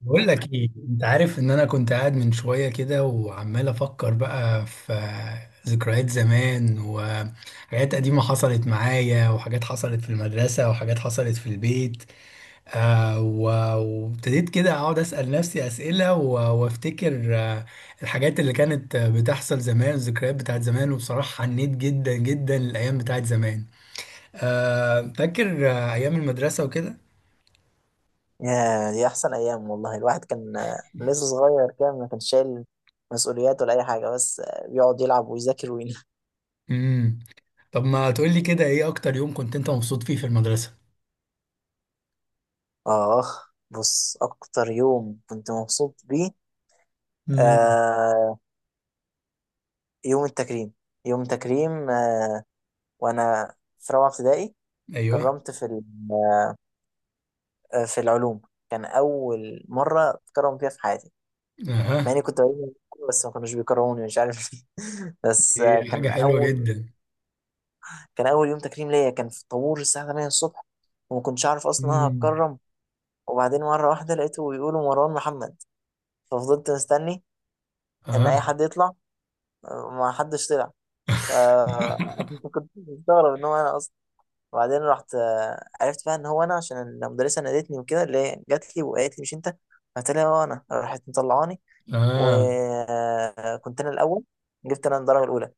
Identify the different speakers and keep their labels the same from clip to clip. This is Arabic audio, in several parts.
Speaker 1: بقول لك ايه؟ انت عارف ان انا كنت قاعد من شويه كده وعمال افكر بقى في ذكريات زمان وحاجات قديمه حصلت معايا، وحاجات حصلت في المدرسه وحاجات حصلت في البيت. وابتديت كده اقعد اسال نفسي اسئله، وافتكر الحاجات اللي كانت بتحصل زمان، الذكريات بتاعت زمان. وبصراحه حنيت جدا جدا للايام بتاعت زمان. فاكر ايام المدرسه وكده.
Speaker 2: يا دي احسن ايام والله. الواحد كان لسه صغير، كان ما كانش شايل مسؤوليات ولا اي حاجه، بس بيقعد يلعب ويذاكر وين.
Speaker 1: امم طب ما تقول لي كده، ايه اكتر يوم كنت انت مبسوط فيه في المدرسة؟
Speaker 2: اه، بص اكتر يوم كنت مبسوط بيه
Speaker 1: مم.
Speaker 2: آه يوم التكريم. يوم التكريم، وانا في رابعه ابتدائي.
Speaker 1: ايوه.
Speaker 2: كرمت في في العلوم. كان اول مره اتكرم فيها في حياتي، مع
Speaker 1: اها.
Speaker 2: اني كنت بجيب مجموع، بس ما كانوش بيكرهوني مش عارف ليه. بس
Speaker 1: ايه، حاجة
Speaker 2: كان
Speaker 1: حلوة
Speaker 2: اول
Speaker 1: جدا.
Speaker 2: كان اول يوم تكريم ليا كان في الطابور الساعه 8 الصبح، وما كنتش اعرف اصلا إن انا
Speaker 1: مم.
Speaker 2: هتكرم. وبعدين مره واحده لقيته بيقولوا مروان محمد، ففضلت مستني ان
Speaker 1: اها.
Speaker 2: اي حد يطلع، ما حدش طلع. آه، كنت مستغرب ان هو انا اصلا. وبعدين رحت عرفت بقى ان هو انا، عشان المدرسه نادتني وكده، اللي هي جات لي وقالت لي مش انت؟ قلت لها هو انا راحت مطلعاني.
Speaker 1: اه.
Speaker 2: وكنت انا الاول، جبت انا الدرجه الاولى،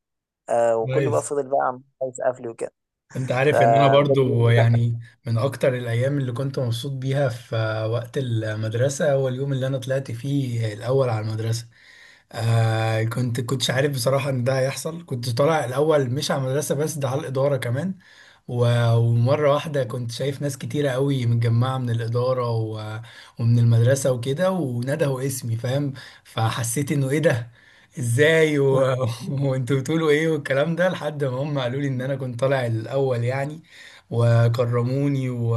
Speaker 2: وكله بقى
Speaker 1: كويس.
Speaker 2: فضل بقى عم يسقف لي وكده.
Speaker 1: انت عارف ان انا
Speaker 2: بجد اليوم
Speaker 1: برضو
Speaker 2: ده
Speaker 1: يعني من اكتر الايام اللي كنت مبسوط بيها في وقت المدرسة هو اليوم اللي انا طلعت فيه الاول على المدرسة. كنتش عارف بصراحة إن ده هيحصل. كنت طالع الأول مش على المدرسة بس، ده على الإدارة كمان. ومرة واحدة كنت شايف ناس كتيرة قوي متجمعة من الإدارة و... ومن المدرسة وكده، وندهوا اسمي فاهم. فحسيت إنه إيه ده؟ إزاي؟ وأنتوا بتقولوا إيه والكلام ده، لحد ما هم قالوا لي إن أنا كنت طالع الأول يعني وكرموني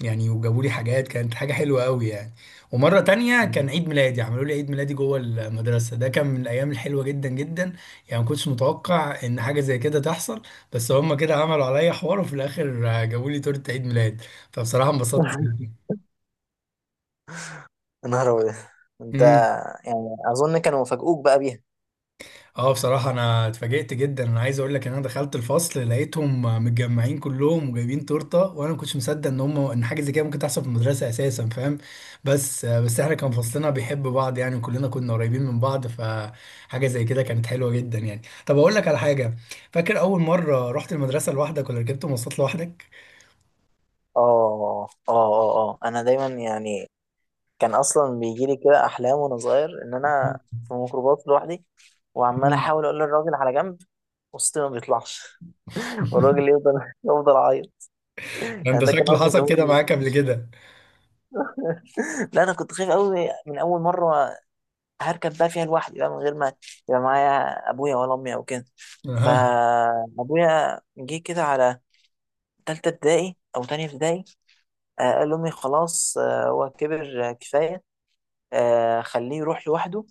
Speaker 1: يعني وجابوا لي حاجات. كانت حاجة حلوة قوي يعني. ومرة تانية كان
Speaker 2: كان-
Speaker 1: عيد ميلادي، عملوا لي عيد ميلادي جوه المدرسة. ده كان من الأيام الحلوة جدا جدا يعني. ما كنتش متوقع إن حاجة زي كده تحصل، بس هما كده عملوا عليا حوار، وفي الآخر جابوا لي تورتة عيد ميلاد. فبصراحة انبسطت جدا.
Speaker 2: يا نهار أبيض. أنت
Speaker 1: مم.
Speaker 2: يعني أظن كانوا مفاجئوك بقى بيها.
Speaker 1: اه، بصراحة أنا اتفاجئت جدا. أنا عايز أقول لك إن أنا دخلت الفصل لقيتهم متجمعين كلهم وجايبين تورتة، وأنا ما كنتش مصدق إن هم إن حاجة زي كده ممكن تحصل في المدرسة أساسا، فاهم؟ بس إحنا كان
Speaker 2: مم.
Speaker 1: فصلنا بيحب بعض يعني، وكلنا كنا قريبين من بعض، فحاجة زي كده كانت حلوة جدا يعني. طب أقول لك على حاجة، فاكر أول مرة رحت المدرسة لوحدك ولا ركبت مواصلات لوحدك؟
Speaker 2: أنا دايما يعني كان أصلا بيجيلي كده أحلام وأنا صغير إن أنا في ميكروباص لوحدي،
Speaker 1: مم.
Speaker 2: وعمال
Speaker 1: مم.
Speaker 2: أحاول أقول للراجل على جنب وسطي ما بيطلعش. والراجل يفضل، عايط.
Speaker 1: ده أنت
Speaker 2: يعني ده كان
Speaker 1: شكله
Speaker 2: اصلا
Speaker 1: حصل
Speaker 2: كابوس
Speaker 1: كده
Speaker 2: ليا.
Speaker 1: معاك قبل كده.
Speaker 2: لا انا كنت خايف قوي من اول مره هركب بقى فيها لوحدي، بقى من غير ما يبقى معايا ابويا ولا امي او كده.
Speaker 1: أها.
Speaker 2: فابويا جه كده على تالتة ابتدائي او تانية ابتدائي، قال لأمي خلاص، هو كبر، كفاية، خليه يروح لوحده.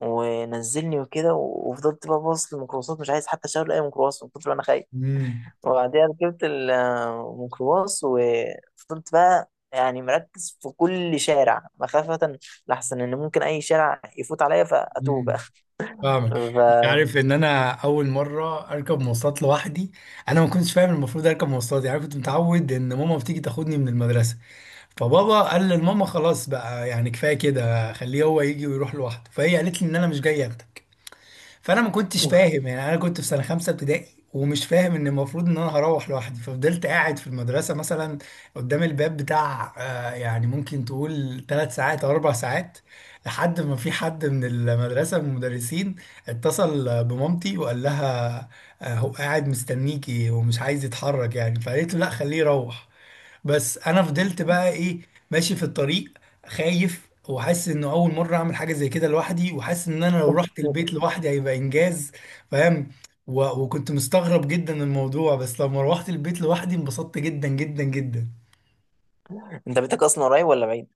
Speaker 2: ونزلني وكده، وفضلت بقى باصص للميكروباصات مش عايز حتى اشاور اي ميكروباص من كتر ما انا خايف.
Speaker 1: مم.
Speaker 2: وبعديها ركبت الميكروباص، وفضلت بقى يعني مركز في كل شارع، مخافة لحسن ان ممكن اي شارع يفوت عليا فاتوه بقى.
Speaker 1: مم. فاهمك.
Speaker 2: ف...
Speaker 1: انت عارف ان انا اول مره اركب مواصلات لوحدي، انا ما كنتش فاهم المفروض اركب مواصلات. يعني كنت متعود ان ماما بتيجي تاخدني من المدرسه، فبابا قال للماما خلاص بقى، يعني كفايه كده خليه هو يجي ويروح لوحده. فهي قالت لي ان انا مش جاي اخده، فانا ما كنتش فاهم. يعني انا كنت في سنه خمسه ابتدائي ومش فاهم ان المفروض ان انا هروح لوحدي، ففضلت قاعد في المدرسه مثلا قدام الباب بتاع يعني ممكن تقول 3 ساعات او 4 ساعات، لحد ما في حد من المدرسه، من المدرسين، اتصل بمامتي وقال لها هو قاعد مستنيكي ومش عايز يتحرك يعني. فقالت له لا، خليه يروح. بس انا فضلت بقى ايه، ماشي في الطريق خايف، وحاسس انه اول مره اعمل حاجه زي كده لوحدي، وحاسس ان انا لو رحت البيت لوحدي هيبقى انجاز فاهم. و... وكنت مستغرب جدا من الموضوع، بس لما روحت البيت لوحدي انبسطت جدا جدا جدا.
Speaker 2: انت بيتك اصلا قريب ولا بعيد؟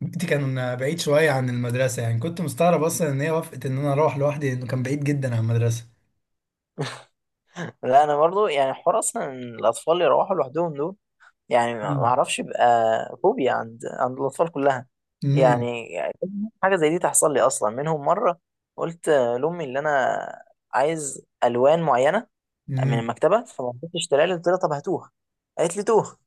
Speaker 1: بيتي كان بعيد شويه عن المدرسه، يعني كنت مستغرب اصلا ان هي وافقت ان انا اروح لوحدي، لانه كان بعيد جدا عن المدرسه.
Speaker 2: لا انا برضو، يعني حوار اصلا إن الاطفال يروحوا لوحدهم دول، يعني ما
Speaker 1: امم
Speaker 2: اعرفش، يبقى فوبيا عند الاطفال كلها.
Speaker 1: امم
Speaker 2: يعني حاجه زي دي تحصل لي اصلا منهم مره. قلت لامي اللي انا عايز الوان معينه من
Speaker 1: امم
Speaker 2: المكتبه، فما رضتش اشتريها لي. قلت لها طب هاتوها، قالت لي توه.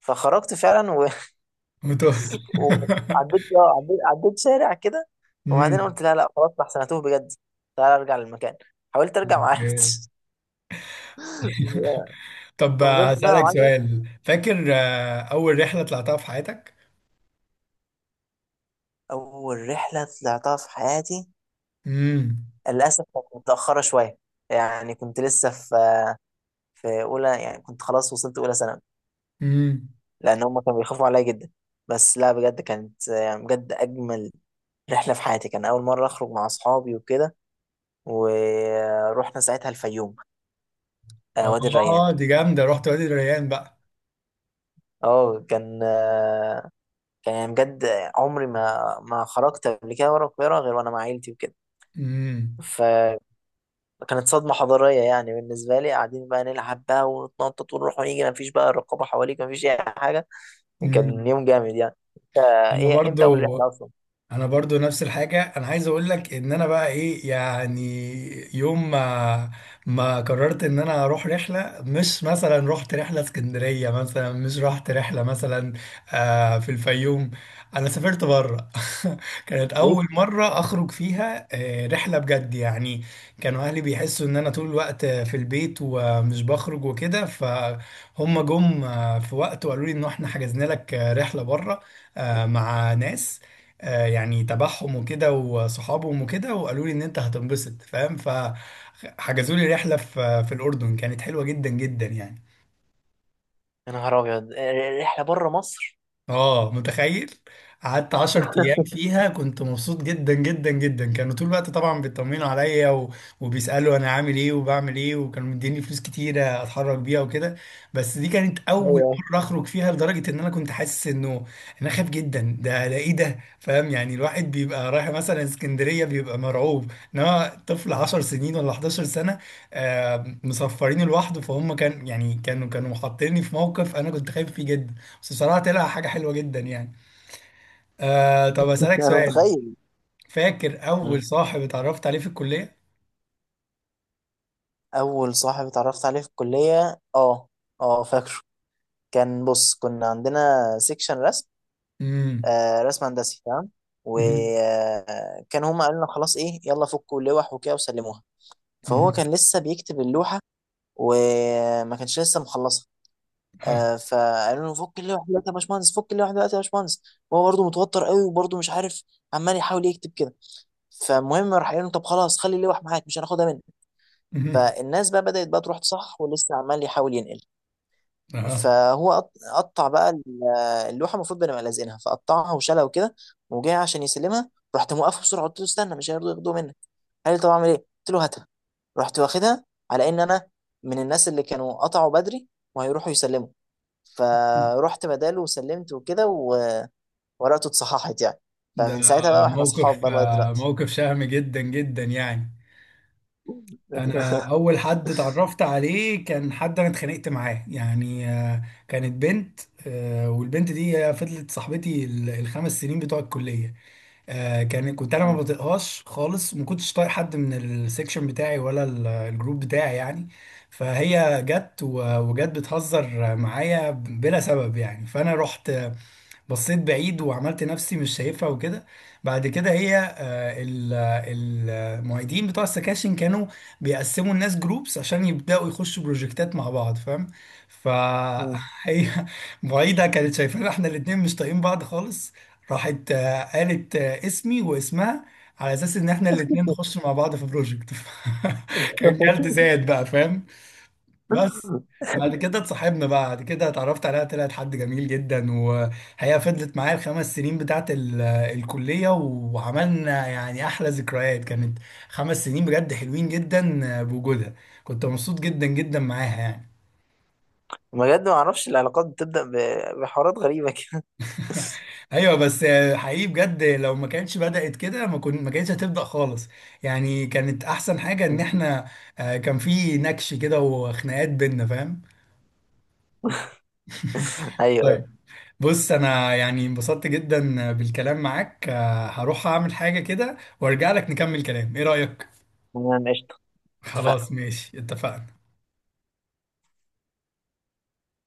Speaker 2: فخرجت فعلا
Speaker 1: وتهت.
Speaker 2: وعديت اه عديت عديت شارع كده.
Speaker 1: امم
Speaker 2: وبعدين قلت لا، لا، خلاص احسن هتوه بجد، تعالى ارجع للمكان. حاولت ارجع ما عرفتش.
Speaker 1: طب
Speaker 2: فضلت بقى
Speaker 1: هسألك
Speaker 2: اعيط.
Speaker 1: سؤال، فاكر أول رحلة طلعتها في حياتك؟
Speaker 2: اول رحله طلعتها في حياتي
Speaker 1: امم
Speaker 2: للأسف كانت متأخرة شوية، يعني كنت لسه في أولى، يعني كنت خلاص وصلت أولى ثانوي،
Speaker 1: امم
Speaker 2: لأن هم كانوا بيخافوا عليا جدا. بس لا بجد كانت يعني بجد أجمل رحلة في حياتي. كان أول مرة أخرج مع أصحابي وكده، ورحنا ساعتها الفيوم، وادي الريان.
Speaker 1: اه دي جامدة، رحت وادي الريان بقى.
Speaker 2: اه كان آه، كان يعني بجد عمري ما خرجت قبل كده ورا القاهرة غير وأنا مع عيلتي وكده.
Speaker 1: امم
Speaker 2: فكانت صدمة حضارية يعني بالنسبة لي، قاعدين بقى نلعب بقى ونتنطط ونروح ونيجي، مفيش بقى رقابة حواليك، مفيش أي حاجة. كان
Speaker 1: امم
Speaker 2: يوم جامد يعني. انت
Speaker 1: انا
Speaker 2: ايه امتى اول
Speaker 1: برضو
Speaker 2: رحله اصلا؟
Speaker 1: انا برضو نفس الحاجه. انا عايز اقول لك ان انا بقى ايه يعني، يوم ما قررت ان انا اروح رحله، مش مثلا رحت رحله اسكندريه مثلا، مش رحت رحله مثلا في الفيوم، انا سافرت بره. كانت
Speaker 2: ليه؟
Speaker 1: اول مره اخرج فيها رحله بجد يعني. كانوا اهلي بيحسوا ان انا طول الوقت في البيت ومش بخرج وكده، فهم جم في وقت وقالوا لي ان احنا حجزنا لك رحله بره، مع ناس يعني تبعهم وكده وصحابهم وكده. وقالوا لي ان انت هتنبسط فاهم، فحجزوا لي رحله في الاردن، كانت حلوه جدا جدا يعني.
Speaker 2: يا نهار ابيض، رحله بره مصر.
Speaker 1: اه، متخيل. قعدت 10 ايام فيها، كنت مبسوط جدا جدا جدا. كانوا طول الوقت طبعا بيطمنوا عليا، و... وبيسالوا انا عامل ايه وبعمل ايه، وكانوا مديني فلوس كتيره اتحرك بيها وكده. بس دي كانت اول
Speaker 2: ايوه.
Speaker 1: مره اخرج فيها، لدرجه ان انا كنت حاسس انه انا خايف جدا. ده ايه ده؟ فاهم يعني، الواحد بيبقى رايح مثلا اسكندريه بيبقى مرعوب، انما طفل 10 سنين ولا 11 سنه مسفرين لوحده. فهم كان يعني، كانوا حاطيني في موقف انا كنت خايف فيه جدا. بس بصراحة طلع حاجة حلوة جدا يعني. طب أسألك
Speaker 2: انا
Speaker 1: سؤال،
Speaker 2: متخيل.
Speaker 1: فاكر
Speaker 2: مم.
Speaker 1: أول صاحب اتعرفت عليه في الكلية؟
Speaker 2: اول صاحب اتعرفت عليه في الكليه، اه، اه، فاكره. كان بص كنا عندنا سيكشن رسم،
Speaker 1: امم
Speaker 2: رسم هندسي، تمام.
Speaker 1: امم
Speaker 2: وكان هم قالوا لنا خلاص ايه يلا فكوا اللوح وكده وسلموها. فهو
Speaker 1: امم
Speaker 2: كان لسه بيكتب اللوحه وما كانش لسه مخلصها.
Speaker 1: ها.
Speaker 2: فقالوا له فك اللوحه دلوقتي يا باشمهندس، فك اللوحه دلوقتي يا باشمهندس. هو برضه متوتر قوي وبرضه مش عارف، عمال يحاول يكتب كده. فالمهم راح قال له طب خلاص خلي اللوح معاك مش هناخدها منك.
Speaker 1: امم
Speaker 2: فالناس بقى بدأت بقى تروح تصحح، ولسه عمال يحاول ينقل.
Speaker 1: ها.
Speaker 2: فهو قطع بقى اللوحه المفروض بنبقى لازقينها، فقطعها وشالها وكده وجاي عشان يسلمها. رحت موقفه بسرعه، قلت له استنى مش هيرضوا ياخدوها منك. قال لي طب اعمل ايه؟ قلت له هاتها. رحت واخدها على ان انا من الناس اللي كانوا قطعوا بدري وهيروحوا يسلموا. فرحت بداله وسلمت وكده، وورقته اتصححت يعني.
Speaker 1: ده
Speaker 2: فمن ساعتها بقى واحنا اصحاب
Speaker 1: موقف،
Speaker 2: بقى لغايه دلوقتي.
Speaker 1: شهم جدا جدا يعني. أنا أول حد اتعرفت عليه كان حد أنا اتخانقت معاه يعني. كانت بنت، والبنت دي فضلت صاحبتي ال- الخمس سنين بتوع الكلية. آه كان كنت انا ما
Speaker 2: مم.
Speaker 1: بطيقهاش خالص، وما كنتش طايق حد من السكشن بتاعي ولا ال- الجروب بتاعي يعني. فهي جت و- وجت بتهزر معايا بلا سبب يعني، فانا رحت بصيت بعيد وعملت نفسي مش شايفها وكده. بعد كده هي، المعيدين بتوع السكاشن كانوا بيقسموا الناس جروبس عشان يبدأوا يخشوا بروجكتات مع بعض فاهم.
Speaker 2: مم.
Speaker 1: فهي معيدة كانت شايفانا احنا الاتنين مش طايقين بعض خالص، راحت قالت اسمي واسمها على اساس ان احنا الاتنين نخش مع بعض في بروجكت. كان جلد زايد بقى فاهم. بس بعد كده اتصاحبنا بقى. بعد كده اتعرفت عليها طلعت حد جميل جدا، وهي فضلت معايا ال 5 سنين بتاعت ال- الكلية وعملنا يعني أحلى ذكريات. كانت 5 سنين بجد حلوين جدا بوجودها، كنت مبسوط جدا جدا معاها يعني.
Speaker 2: بجد ما اعرفش العلاقات بتبدأ بحوارات غريبة كده.
Speaker 1: ايوه بس حقيقي بجد، لو ما كانتش بدأت كده ما كانتش هتبدأ خالص يعني. كانت احسن حاجة ان
Speaker 2: مم.
Speaker 1: احنا كان في نكش كده وخناقات بينا فاهم.
Speaker 2: ايوه.
Speaker 1: بص انا يعني انبسطت جدا بالكلام معاك. هروح اعمل حاجة كده وارجع لك نكمل كلام، ايه رأيك؟
Speaker 2: تمام، قشطة. اتفقنا.
Speaker 1: خلاص ماشي، اتفقنا.